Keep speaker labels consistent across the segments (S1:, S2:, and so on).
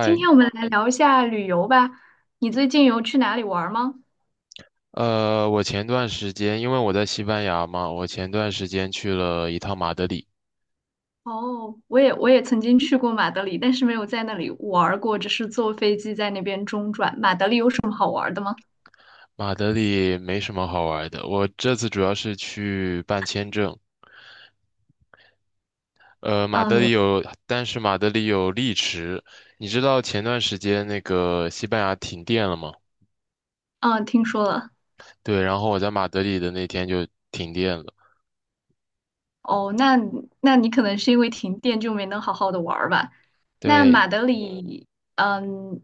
S1: 今天我们来聊一下旅游吧。你最近有去哪里玩儿吗？
S2: 我前段时间因为我在西班牙嘛，我前段时间去了一趟马德里。
S1: 哦，我也曾经去过马德里，但是没有在那里玩儿过，只是坐飞机在那边中转。马德里有什么好玩儿的吗？
S2: 马德里没什么好玩的，我这次主要是去办签证。马德
S1: 嗯。
S2: 里有，但是马德里有丽池。你知道前段时间那个西班牙停电了吗？
S1: 嗯，听说了。
S2: 对，然后我在马德里的那天就停电了。
S1: 哦，那你可能是因为停电就没能好好的玩儿吧？那马
S2: 对，
S1: 德里，嗯，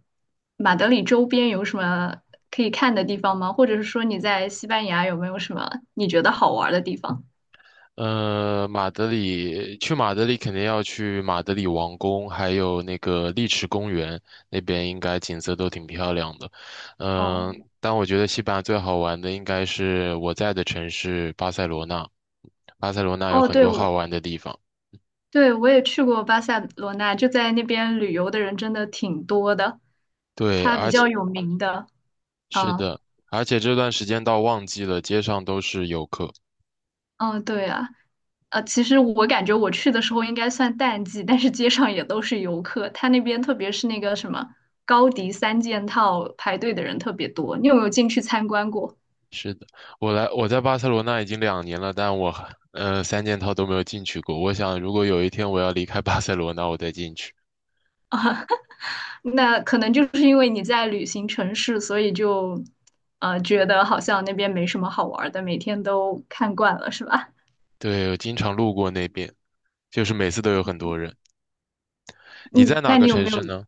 S1: 马德里周边有什么可以看的地方吗？或者是说你在西班牙有没有什么你觉得好玩儿的地方？
S2: 马德里，去马德里肯定要去马德里王宫，还有那个丽池公园，那边应该景色都挺漂亮的。
S1: 哦。
S2: 嗯、但我觉得西班牙最好玩的应该是我在的城市巴塞罗那，巴塞罗那有
S1: 哦，
S2: 很
S1: 对，
S2: 多
S1: 我
S2: 好玩的地方。
S1: 对，我也去过巴塞罗那，就在那边旅游的人真的挺多的。
S2: 对，
S1: 它比
S2: 而且
S1: 较有名的，
S2: 是
S1: 嗯。
S2: 的，而且这段时间到旺季了，街上都是游客。
S1: 嗯，对啊，其实我感觉我去的时候应该算淡季，但是街上也都是游客。它那边特别是那个什么高迪三件套排队的人特别多，你有没有进去参观过？
S2: 是的，我在巴塞罗那已经2年了，但我还三件套都没有进去过。我想，如果有一天我要离开巴塞罗那，我再进去。
S1: 那可能就是因为你在旅行城市，所以就觉得好像那边没什么好玩儿的，每天都看惯了，是吧？
S2: 对，我经常路过那边，就是每次都有很多人。你
S1: 嗯，
S2: 在哪
S1: 那
S2: 个
S1: 你有
S2: 城
S1: 没有
S2: 市呢？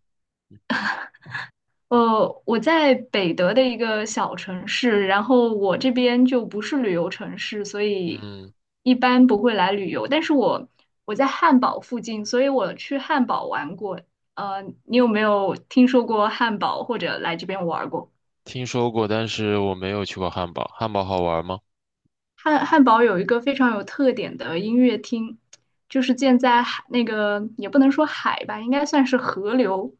S1: 我在北德的一个小城市，然后我这边就不是旅游城市，所以
S2: 嗯，
S1: 一般不会来旅游。但是我在汉堡附近，所以我去汉堡玩过。你有没有听说过汉堡或者来这边玩过？
S2: 听说过，但是我没有去过汉堡。汉堡好玩吗？
S1: 汉堡有一个非常有特点的音乐厅，就是建在海那个也不能说海吧，应该算是河流，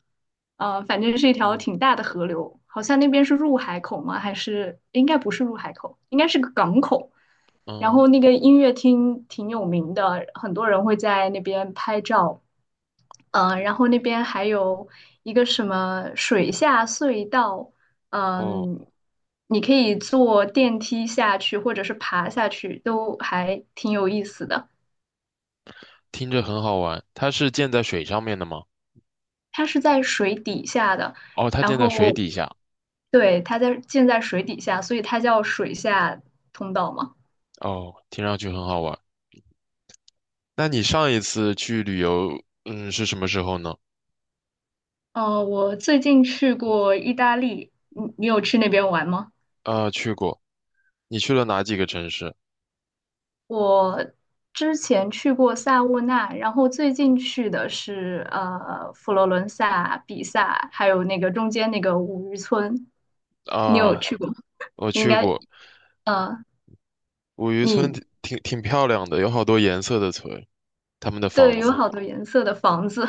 S1: 反正是一条
S2: 嗯
S1: 挺大的河流，好像那边是入海口吗？还是应该不是入海口，应该是个港口。然
S2: 嗯，
S1: 后那个音乐厅挺有名的，很多人会在那边拍照。然后那边还有一个什么水下隧道，
S2: 哦，
S1: 嗯。你可以坐电梯下去，或者是爬下去，都还挺有意思的。
S2: 听着很好玩。它是建在水上面的吗？
S1: 它是在水底下的，
S2: 哦，它
S1: 然
S2: 建在水
S1: 后
S2: 底下。
S1: 对，它建在水底下，所以它叫水下通道嘛。
S2: 哦，听上去很好玩。那你上一次去旅游，是什么时候呢？
S1: 我最近去过意大利，你有去那边玩吗？
S2: 去过。你去了哪几个城市
S1: 我之前去过萨沃纳，然后最近去的是佛罗伦萨、比萨，还有那个中间那个五渔村，你有
S2: 啊？
S1: 去过吗？
S2: 我
S1: 你应
S2: 去
S1: 该
S2: 过
S1: 呃，
S2: 五渔村
S1: 你
S2: 挺漂亮的，有好多颜色的村，他们的
S1: 对，
S2: 房
S1: 有
S2: 子，
S1: 好多颜色的房子。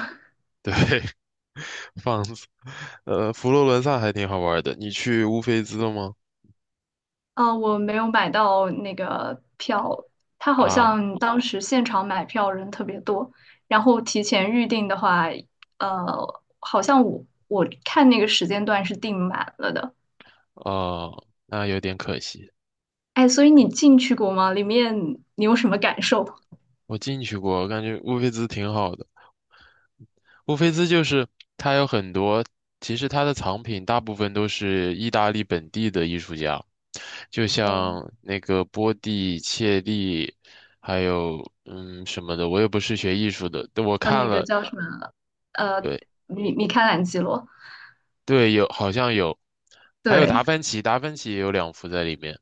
S2: 对，房子。佛罗伦萨还挺好玩的，你去乌菲兹了吗？
S1: 我没有买到那个票，他好
S2: 啊，
S1: 像当时现场买票人特别多，然后提前预定的话，好像我看那个时间段是订满了的。
S2: 哦，那有点可惜。
S1: 哎，所以你进去过吗？里面你有什么感受？
S2: 我进去过，我感觉乌菲兹挺好的。乌菲兹就是它有很多，其实它的藏品大部分都是意大利本地的艺术家。就
S1: 哦，
S2: 像那个波蒂、切利，还有什么的，我也不是学艺术的，但我看
S1: 那个
S2: 了，
S1: 叫什么？呃，
S2: 对
S1: 米开朗基罗，
S2: 对，好像有，还有
S1: 对，
S2: 达芬奇，达芬奇也有2幅在里面，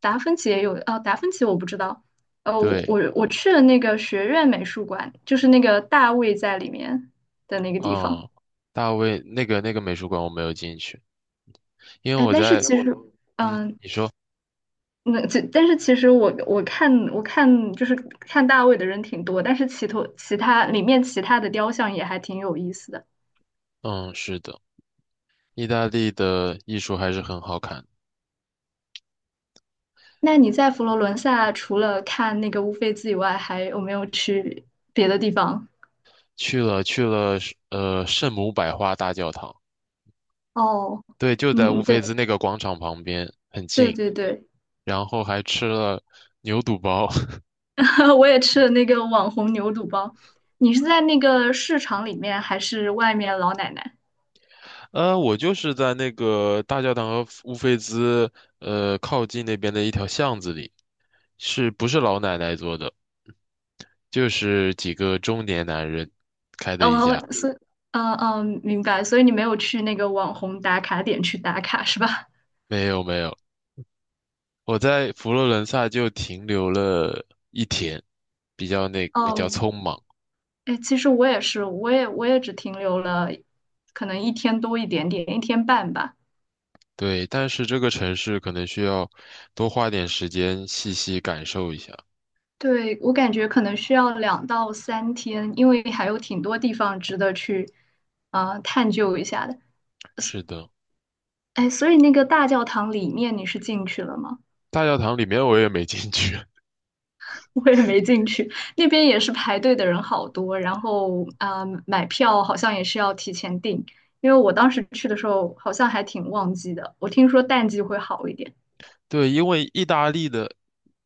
S1: 达芬奇也有。哦，达芬奇我不知道。呃，我
S2: 对，
S1: 我我去了那个学院美术馆，就是那个大卫在里面的那个地方。
S2: 嗯，大卫那个美术馆我没有进去，因为
S1: 哎，
S2: 我
S1: 但是
S2: 在。
S1: 其实，
S2: 嗯，
S1: 嗯，
S2: 你说。
S1: 但是其实我看就是看大卫的人挺多，但是其头其他里面其他的雕像也还挺有意思的。
S2: 嗯，是的，意大利的艺术还是很好看，
S1: 那你在佛罗伦萨除了看那个乌菲兹以外，还有没有去别的地方？
S2: 去了去了圣母百花大教堂，
S1: 哦，
S2: 对，就在乌
S1: 嗯，
S2: 菲
S1: 对
S2: 兹那个广场旁边，很
S1: 对
S2: 近。
S1: 对对，
S2: 然后还吃了牛肚包。
S1: 我也吃了那个网红牛肚包。你是在那个市场里面，还是外面老奶奶？
S2: 我就是在那个大教堂和乌菲兹靠近那边的一条巷子里，是不是老奶奶做的？就是几个中年男人。
S1: 哦，所以，嗯，明白。所以你没有去那个网红打卡点去打卡是吧？
S2: 没有没有，我在佛罗伦萨就停留了一天，比较
S1: 哦，
S2: 匆忙。
S1: 哎，其实我也是，我也只停留了可能一天多一点点，一天半吧。
S2: 对，但是这个城市可能需要多花点时间细细感受一下。
S1: 对，我感觉可能需要两到三天，因为还有挺多地方值得去探究一下的。
S2: 是的，
S1: 哎，所以那个大教堂里面你是进去了吗？
S2: 大教堂里面我也没进去。
S1: 我也没进去，那边也是排队的人好多，然后买票好像也是要提前订，因为我当时去的时候好像还挺旺季的，我听说淡季会好一点。
S2: 对，因为意大利的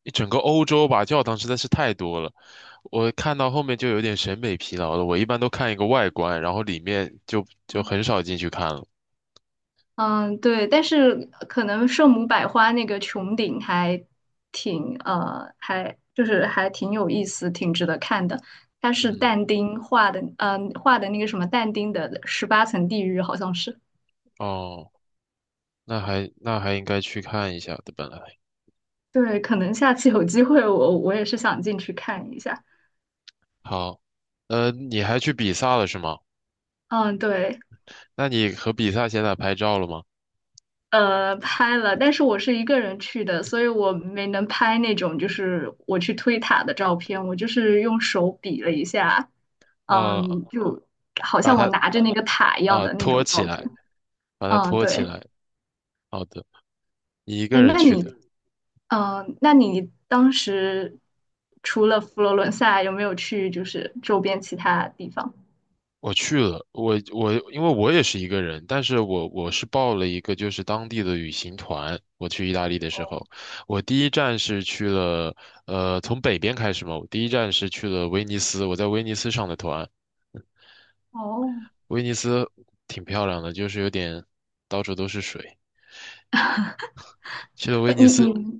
S2: 一整个欧洲吧，教堂实在是太多了，我看到后面就有点审美疲劳了。我一般都看一个外观，然后里面就很少进去看了。
S1: 嗯，对，但是可能圣母百花那个穹顶还挺呃，还就是还挺有意思，挺值得看的。它是
S2: 嗯，
S1: 但丁画的，画的那个什么但丁的十八层地狱，好像是。
S2: 哦，那还应该去看一下的，本来。
S1: 对，可能下次有机会我也是想进去看一下。
S2: 好，你还去比萨了是吗？
S1: 嗯，对。
S2: 那你和比萨现在拍照了吗？
S1: 拍了，但是我是一个人去的，所以我没能拍那种就是我去推塔的照片，我就是用手比了一下，
S2: 呃，
S1: 嗯，就好
S2: 把
S1: 像我
S2: 它
S1: 拿着那个塔一样的那
S2: 托
S1: 种
S2: 起
S1: 照
S2: 来，
S1: 片。
S2: 把它
S1: 嗯，
S2: 托起
S1: 对。
S2: 来。好的，你一
S1: 哎，
S2: 个人
S1: 那
S2: 去
S1: 你，
S2: 的。
S1: 嗯，那你当时除了佛罗伦萨，有没有去就是周边其他地方？
S2: 我去了，我因为我也是一个人，但是我是报了一个就是当地的旅行团。我去意大利的时
S1: 哦，
S2: 候，我第一站是去了，从北边开始嘛，我第一站是去了威尼斯，我在威尼斯上的团，
S1: 哦，
S2: 威尼斯挺漂亮的，就是有点到处都是水。去了威
S1: 呃
S2: 尼
S1: 你
S2: 斯，
S1: 你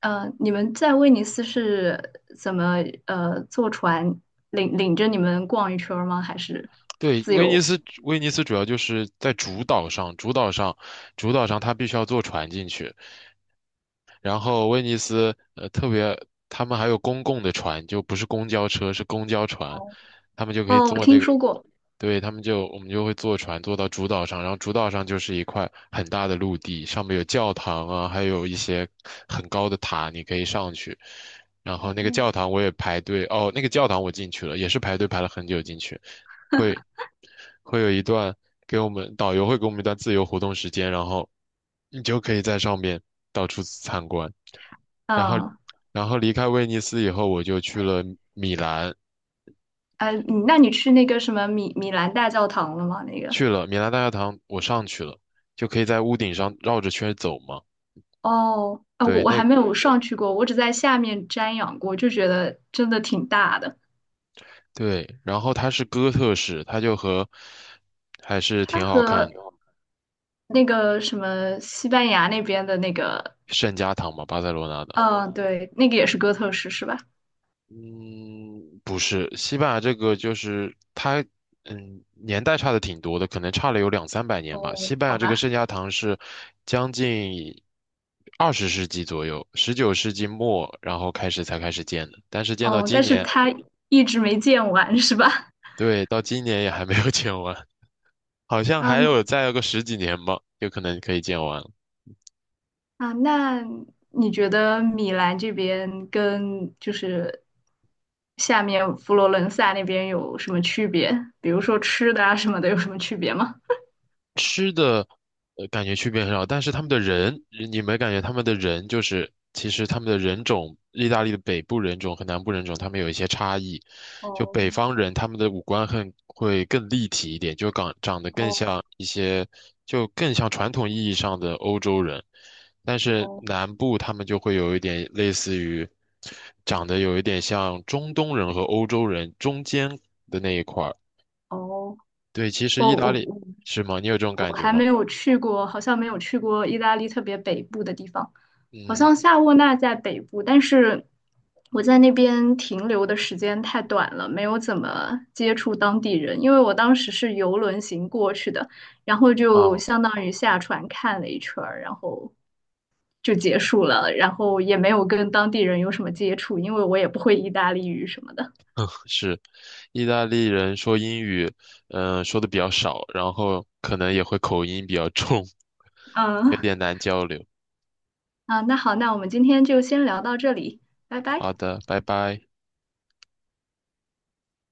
S1: 你们在威尼斯是怎么坐船领着你们逛一圈儿吗？还是
S2: 对，
S1: 自
S2: 威尼
S1: 由？
S2: 斯，威尼斯主要就是在主岛上，它必须要坐船进去。然后威尼斯特别，他们还有公共的船，就不是公交车，是公交船，
S1: 哦。
S2: 他们就可以
S1: 哦，我
S2: 坐那
S1: 听
S2: 个，
S1: 说过。
S2: 对，他们就我们就会坐船坐到主岛上，然后主岛上就是一块很大的陆地，上面有教堂啊，还有一些很高的塔，你可以上去。然后那个
S1: 哦，
S2: 教堂我也排队，哦，那个教堂我进去了，也是排队排了很久进去。会会有一段给我们导游会给我们一段自由活动时间，然后你就可以在上面到处参观。然后，
S1: 嗯，
S2: 然后离开威尼斯以后，我就去
S1: 哎，
S2: 了米兰，
S1: 哎，你那你去那个什么米兰大教堂了吗？那个？
S2: 去了米兰大教堂，我上去了，就可以在屋顶上绕着圈儿走嘛。
S1: 哦，啊，我
S2: 对，
S1: 我还没有上去过，我只在下面瞻仰过，就觉得真的挺大的。
S2: 对，然后它是哥特式，它就和还是
S1: 它
S2: 挺好
S1: 和
S2: 看的，
S1: 那个什么西班牙那边的那个，
S2: 圣家堂嘛，巴塞罗那的。
S1: 嗯，对，那个也是哥特式是吧？
S2: 嗯，不是，西班牙这个就是它，年代差的挺多的，可能差了有两三百年吧。
S1: 哦，
S2: 西班
S1: 好
S2: 牙这个
S1: 吧。
S2: 圣家堂是将近20世纪左右，19世纪末，然后才开始建的，但是建到
S1: 哦，
S2: 今
S1: 但是
S2: 年，
S1: 他一直没见完，是吧？
S2: 对，到今年也还没有 建完，好像
S1: 嗯。
S2: 再有个十几年吧，有可能可以建完。
S1: 啊，那你觉得米兰这边跟就是下面佛罗伦萨那边有什么区别？比如说吃的啊什么的，有什么区别吗？
S2: 吃的，感觉区别很少，但是他们的人，你没感觉他们的人就是，其实他们的人种，意大利的北部人种和南部人种，他们有一些差异。就北方人，他们的五官很会更立体一点，就长得更像一些，就更像传统意义上的欧洲人。但是
S1: 哦，
S2: 南部他们就会有一点类似于，长得有一点像中东人和欧洲人中间的那一块儿。对，其实
S1: 我
S2: 意大
S1: 我
S2: 利
S1: 我
S2: 是吗？你有这种
S1: 我
S2: 感觉
S1: 还
S2: 吗？
S1: 没有去过，好像没有去过意大利特别北部的地方。好
S2: 嗯。
S1: 像夏沃纳在北部，但是我在那边停留的时间太短了，没有怎么接触当地人，因为我当时是游轮行过去的，然后就
S2: 嗯，
S1: 相当于下船看了一圈儿，然后就结束了，然后也没有跟当地人有什么接触，因为我也不会意大利语什么的。
S2: 是，意大利人说英语，说的比较少，然后可能也会口音比较重，有
S1: 嗯，
S2: 点难交流。
S1: 啊，那好，那我们今天就先聊到这里，拜拜。
S2: 好的，拜拜。